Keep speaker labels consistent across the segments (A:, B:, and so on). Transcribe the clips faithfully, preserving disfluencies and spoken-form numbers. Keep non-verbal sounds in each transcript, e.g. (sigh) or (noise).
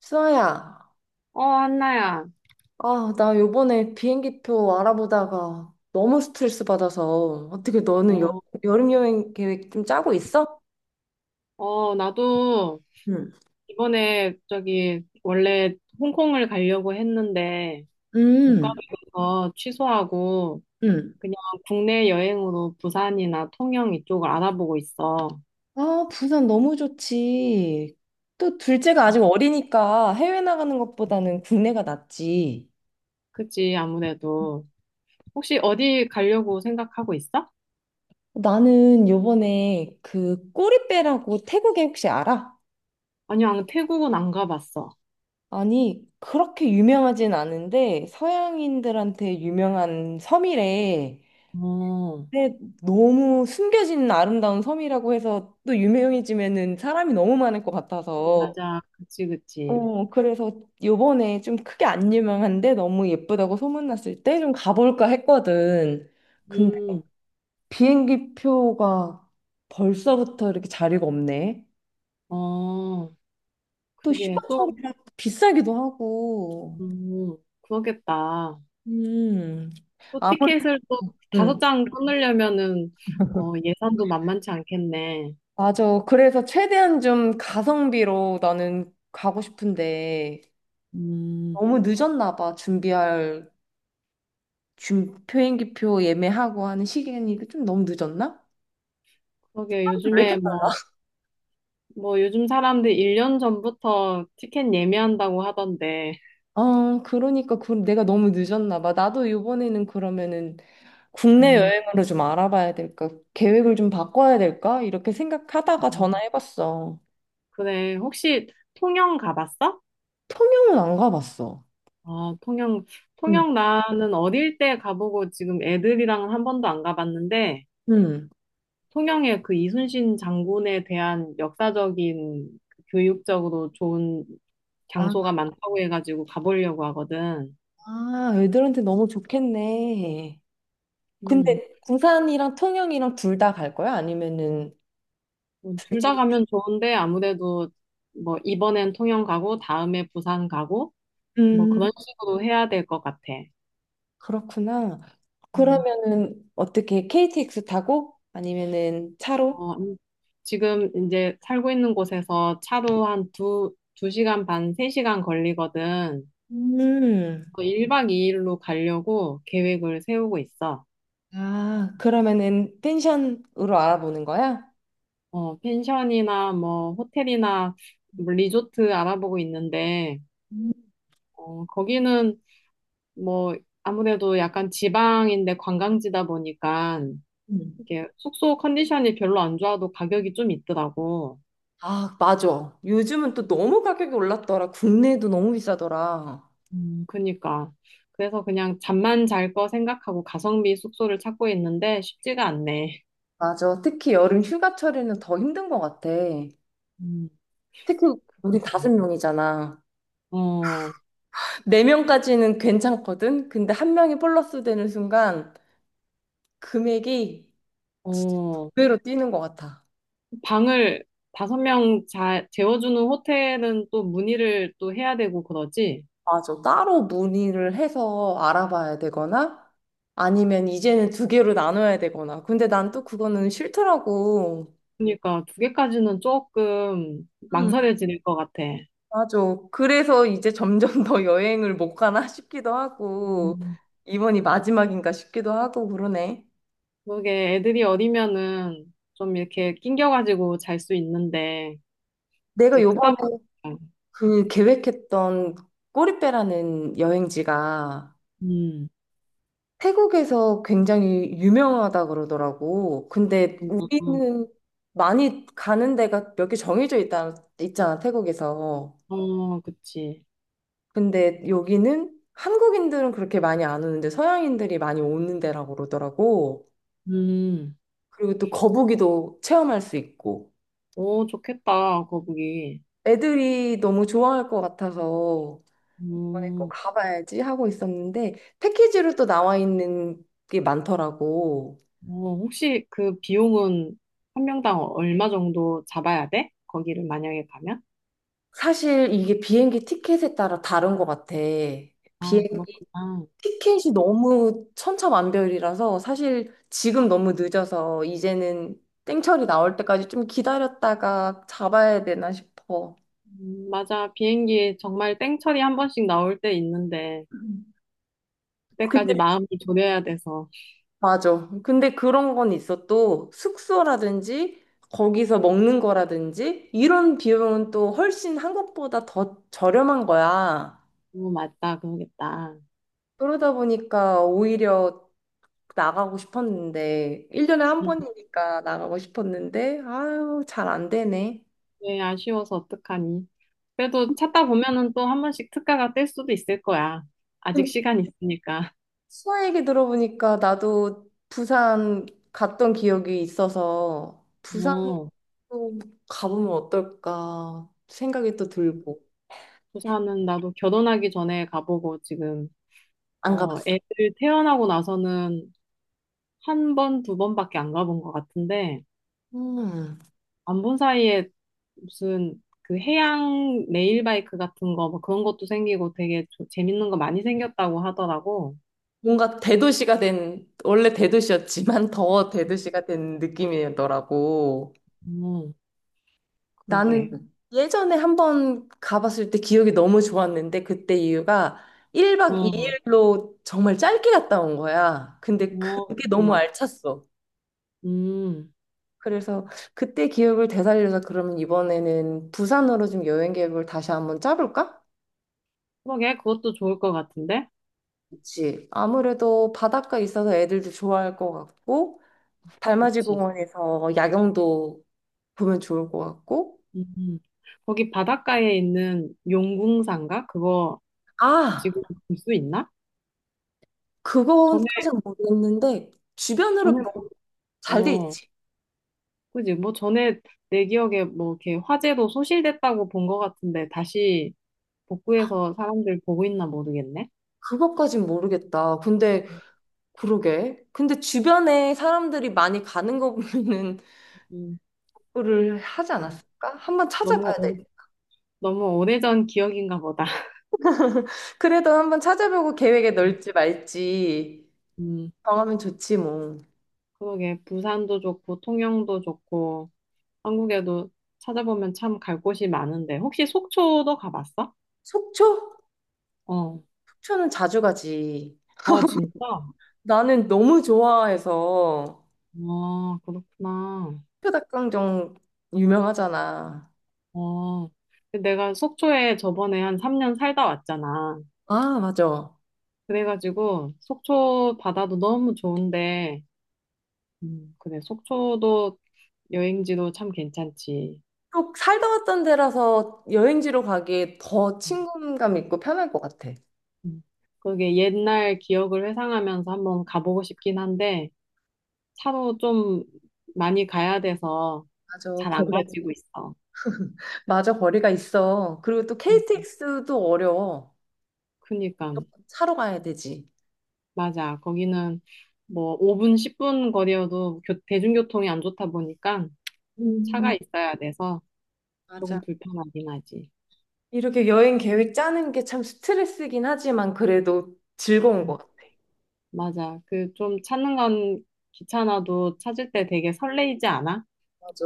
A: 수아야,
B: 어, 한나야.
A: 아, 나 요번에 비행기표 알아보다가 너무 스트레스 받아서 어떻게 너는 여,
B: 어,
A: 여름 여행 계획 좀 짜고 있어?
B: 어, 나도
A: 응,
B: 이번에 저기 원래 홍콩을 가려고 했는데 못
A: 음,
B: 가게 돼서 취소하고
A: 음.
B: 그냥 국내 여행으로 부산이나 통영 이쪽을 알아보고 있어.
A: 아, 부산 너무 좋지. 또 둘째가 아직 어리니까 해외 나가는 것보다는 국내가 낫지.
B: 그치, 아무래도. 혹시 어디 가려고 생각하고 있어?
A: 나는 요번에 그 꼬리빼라고 태국에 혹시 알아?
B: 아니, 안, 태국은 안 가봤어.
A: 아니, 그렇게 유명하진 않은데 서양인들한테 유명한 섬이래.
B: 어,
A: 근데 너무 숨겨진 아름다운 섬이라고 해서 또 유명해지면은 사람이 너무 많을 것 같아서
B: 맞아. 그치, 그치.
A: 어 그래서 요번에 좀 크게 안 유명한데 너무 예쁘다고 소문났을 때 좀 가볼까 했거든. 근데
B: 음,
A: 비행기 표가 벌써부터 이렇게 자리가 없네.
B: 어,
A: 또
B: 그게 또,
A: 휴가철이라 비싸기도 하고.
B: 음, 그러겠다.
A: 음.
B: 또
A: 아무래도
B: 티켓을 또 다섯
A: 음.
B: 장 끊으려면은 어, 예산도 만만치 않겠네.
A: 맞아. 그래서 최대한 좀 가성비로 나는 가고 싶은데
B: 음,
A: 너무 늦었나 봐. 준비할 준 비행기표 예매하고 하는 시간이 좀 너무 늦었나?
B: 그러게
A: 왜 이렇게
B: 요즘에
A: 빨라?
B: 뭐, 뭐 요즘 사람들 일 년 전부터 티켓 예매한다고 하던데.
A: 어, 그러니까 그, 내가 너무 늦었나 봐. 나도 이번에는 그러면은 국내
B: 음.
A: 여행으로 좀 알아봐야 될까? 계획을 좀 바꿔야 될까? 이렇게 생각하다가 전화해봤어.
B: 그래, 혹시 통영 가봤어?
A: 통영은 안 가봤어.
B: 아, 통영,
A: 응,
B: 통영 나는 어릴 때 가보고 지금 애들이랑 한 번도 안 가봤는데,
A: 응.
B: 통영의 그 이순신 장군에 대한 역사적인 그 교육적으로 좋은
A: 아,
B: 장소가 많다고 해가지고 가보려고 하거든.
A: 아, 애들한테 너무 좋겠네.
B: 음.
A: 근데 부산이랑 통영이랑 둘 다 갈 거야? 아니면은 둘
B: 둘
A: 중?
B: 다 가면 좋은데 아무래도 뭐 이번엔 통영 가고 다음에 부산 가고 뭐 그런 식으로 해야 될 것 같아.
A: 그렇구나.
B: 음.
A: 그러면은 어떻게 케이티엑스 타고 아니면은 차로?
B: 어, 음, 지금 이제 살고 있는 곳에서 차로 한 두, 두 시간 반, 세 시간 걸리거든.
A: 음.
B: 그 일 1박 이 일로 가려고 계획을 세우고 있어.
A: 아, 그러면은 펜션으로 알아보는 거야?
B: 어, 펜션이나 뭐 호텔이나 뭐 리조트 알아보고 있는데, 어, 거기는 뭐 아무래도 약간 지방인데 관광지다 보니까
A: 음.
B: 이게 숙소 컨디션이 별로 안 좋아도 가격이 좀 있더라고.
A: 아, 맞아. 요즘은 또 너무 가격이 올랐더라. 국내도 너무 비싸더라.
B: 음, 그니까. 그래서 그냥 잠만 잘 거 생각하고 가성비 숙소를 찾고 있는데 쉽지가 않네.
A: 맞아. 특히 여름 휴가철에는 더 힘든 것 같아.
B: 음.
A: 특히 우리 다섯 명이잖아.
B: 어,
A: 네 명까지는 괜찮거든. 근데 한 명이 플러스 되는 순간 금액이 두
B: 어,
A: 배로 뛰는 것 같아.
B: 방을 다섯 명 자, 재워주는 호텔은 또 문의를 또 해야 되고 그러지?
A: 맞아. 따로 문의를 해서 알아봐야 되거나 아니면 이제는 두 개로 나눠야 되거나. 근데 난 또 그거는 싫더라고.
B: 그러니까 두 개까지는 조금
A: 음.
B: 망설여질 것 같아.
A: 맞아. 그래서 이제 점점 더 여행을 못 가나 싶기도 하고
B: 음,
A: 이번이 마지막인가 싶기도 하고 그러네.
B: 그게 애들이 어리면은 좀 이렇게 낑겨가지고 잘 수 있는데
A: 내가
B: 이제
A: 요번에
B: 크다 보니까
A: 그 계획했던 꼬리빼라는 여행지가
B: 음,
A: 태국에서 굉장히 유명하다 그러더라고. 근데
B: 음, 음,
A: 우리는 많이 가는 데가 몇 개 정해져 있다, 있잖아, 태국에서.
B: 어, 그치.
A: 근데 여기는 한국인들은 그렇게 많이 안 오는데 서양인들이 많이 오는 데라고 그러더라고.
B: 음.
A: 그리고 또 거북이도 체험할 수 있고.
B: 오, 좋겠다, 거북이.
A: 애들이 너무 좋아할 것 같아서 이번에 꼭
B: 음,
A: 가봐야지 하고 있었는데 패키지로 또 나와 있는 게 많더라고.
B: 어, 혹시 그 비용은 한 명당 얼마 정도 잡아야 돼? 거기를 만약에 가면?
A: 사실 이게 비행기 티켓에 따라 다른 것 같아.
B: 아,
A: 비행기
B: 그렇구나.
A: 티켓이 너무 천차만별이라서 사실 지금 너무 늦어서 이제는 땡처리 나올 때까지 좀 기다렸다가 잡아야 되나 싶어.
B: 음, 맞아. 비행기 정말 땡처리 한 번씩 나올 때 있는데
A: 음.
B: 그때까지
A: 근데
B: 마음을 졸여야 돼서
A: 맞아. 근데 그런 건 있어. 또 숙소라든지 거기서 먹는 거라든지 이런 비용은 또 훨씬 한국보다 더 저렴한 거야.
B: 너무 맞다 그러겠다.
A: 그러다 보니까 오히려 나가고 싶었는데, 일 년에 한
B: 음,
A: 번이니까 나가고 싶었는데, 아유, 잘 안 되네.
B: 네, 아쉬워서 어떡하니. 그래도 찾다 보면은 또 한 번씩 특가가 뜰 수도 있을 거야. 아직
A: 근데
B: 시간 있으니까.
A: 수아 얘기 들어보니까 나도 부산 갔던 기억이 있어서, 부산도
B: 어,
A: 가보면 어떨까 생각이 또 들고,
B: 부산은 나도 결혼하기 전에 가보고 지금
A: 안
B: 어,
A: 가봤어.
B: 애들 태어나고 나서는 한 번, 두 번밖에 안 가본 것 같은데
A: 음,
B: 안 본 사이에 무슨 그 해양 레일바이크 같은 거 뭐 그런 것도 생기고 되게 조- 재밌는 거 많이 생겼다고 하더라고.
A: 뭔가 대도시가 된, 원래 대도시였지만 더 대도시가 된 느낌이더라고.
B: 음, 그러게.
A: 나는 예전에 한번 가봤을 때 기억이 너무 좋았는데 그때 이유가 일 박
B: 어,
A: 이 일로 정말 짧게 갔다 온 거야. 근데
B: 어,
A: 그게 너무
B: 그랬구나.
A: 알찼어.
B: 음,
A: 그래서 그때 기억을 되살려서 그러면 이번에는 부산으로 좀 여행 계획을 다시 한번 짜볼까?
B: 그러게, 그것도 좋을 것 같은데?
A: 그치. 아무래도 바닷가 있어서 애들도 좋아할 것 같고, 달맞이
B: 그치.
A: 공원에서 야경도 보면 좋을 것 같고,
B: 음, 거기 바닷가에 있는 용궁산가? 그거
A: 아,
B: 지금 볼 수 있나? 전에,
A: 그거까진 모르겠는데, 주변으로
B: 전에,
A: 뭐
B: 뭐-
A: 잘돼
B: 어,
A: 있지?
B: 그지. 뭐 전에 내 기억에 뭐 이렇게 화재로 소실됐다고 본 것 같은데 다시 복구해서 사람들 보고 있나 모르겠네.
A: 그것까진 모르겠다. 근데 그러게. 근데 주변에 사람들이 많이 가는 거 보면은
B: 음,
A: 그거를 하지
B: 음.
A: 않았을까? 한번
B: 너무,
A: 찾아봐야 돼.
B: 오- 너무 오래전 기억인가 보다.
A: (laughs) 그래도 한번 찾아보고 계획에 넣을지
B: (laughs)
A: 말지
B: 음,
A: 정하면 좋지 뭐.
B: 그러게. 부산도 좋고, 통영도 좋고, 한국에도 찾아보면 참 갈 곳이 많은데. 혹시 속초도 가봤어?
A: 속초?
B: 어.
A: 속초는 자주 가지.
B: 아, 진짜?
A: 나는 너무 좋아해서
B: 아, 그렇구나.
A: 속초 닭강정 유명하잖아.
B: 어. 근데 내가 속초에 저번에 한 삼 년 살다 왔잖아.
A: 아, 맞아.
B: 그래가지고 속초 바다도 너무 좋은데, 음, 그래. 속초도 여행지도 참 괜찮지.
A: 또 살다 왔던 데라서 여행지로 가기에 더
B: 음,
A: 친근감 있고 편할 것 같아.
B: 음. 그게 옛날 기억을 회상하면서 한번 가보고 싶긴 한데, 차로 좀 많이 가야 돼서
A: 맞아.
B: 잘 안
A: 거기가
B: 가지고 있어.
A: 맞아, 거리가 있어. 그리고 또 케이티엑스도 어려워.
B: 그니까
A: 차로 가야 되지.
B: 맞아. 거기는 뭐 오 분, 십 분 거리여도 교- 대중교통이 안 좋다 보니까 차가
A: 음.
B: 있어야 돼서 조금
A: 맞아.
B: 불편하긴 하지.
A: 이렇게 여행 계획 짜는 게 참 스트레스긴 하지만 그래도 즐거운
B: 음,
A: 것 같아.
B: 맞아. 그 좀 찾는 건 귀찮아도 찾을 때 되게 설레이지 않아?
A: 맞아.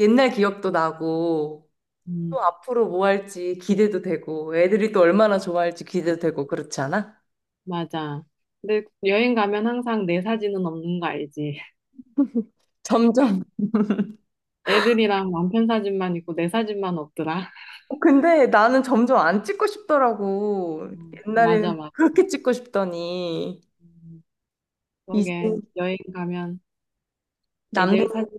A: 옛날 기억도 나고,
B: 음,
A: 또 앞으로 뭐 할지 기대도 되고, 애들이 또 얼마나 좋아할지 기대도 되고, 그렇지 않아?
B: 맞아. 근데 여행 가면 항상 내 사진은 없는 거 알지? (laughs)
A: 점점.
B: 애들이랑 남편 사진만 있고 내 사진만 없더라. (laughs)
A: (laughs) 근데 나는 점점 안 찍고 싶더라고.
B: 어, 맞아,
A: 옛날에는
B: 맞아.
A: 그렇게 찍고 싶더니,
B: 음,
A: 이제
B: 그러게 여행 가면 애들 사진,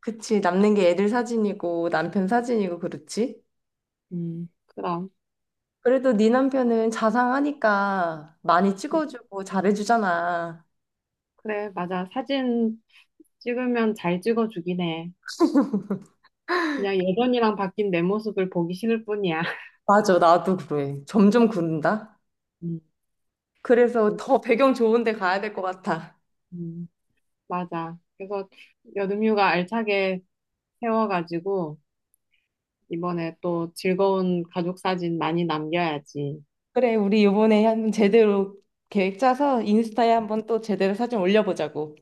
A: 그치, 남는 게 애들 사진이고 남편 사진이고 그렇지?
B: 음, 그럼.
A: 그래도 네 남편은 자상하니까 많이 찍어주고 잘해주잖아.
B: 그래, 맞아. 사진 찍으면 잘 찍어주긴 해. 그냥 예전이랑 바뀐 내 모습을 보기 싫을 뿐이야. (laughs)
A: 맞아, 나도 그래. 점점 그런다.
B: 음,
A: 그래서 더 배경 좋은 데 가야 될 것 같아.
B: 음, 맞아. 그래서 여름휴가 알차게 세워가지고 이번에 또 즐거운 가족 사진 많이 남겨야지.
A: 그래, 우리 이번에 한번 제대로 계획 짜서 인스타에 한번 또 제대로 사진 올려보자고.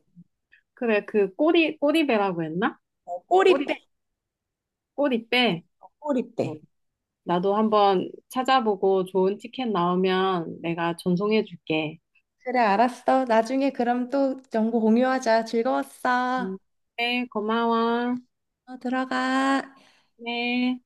B: 그래, 그 꼬리, 꼬리배라고 했나?
A: 어,
B: 꼬리,
A: 꼬리빼,
B: 꼬리배?
A: 꼬리빼.
B: 어, 나도 한번 찾아보고 좋은 티켓 나오면 내가 전송해줄게.
A: 그래, 알았어. 나중에 그럼 또 정보 공유하자. 즐거웠어.
B: 음, 네, 고마워.
A: 어, 들어가.
B: 네.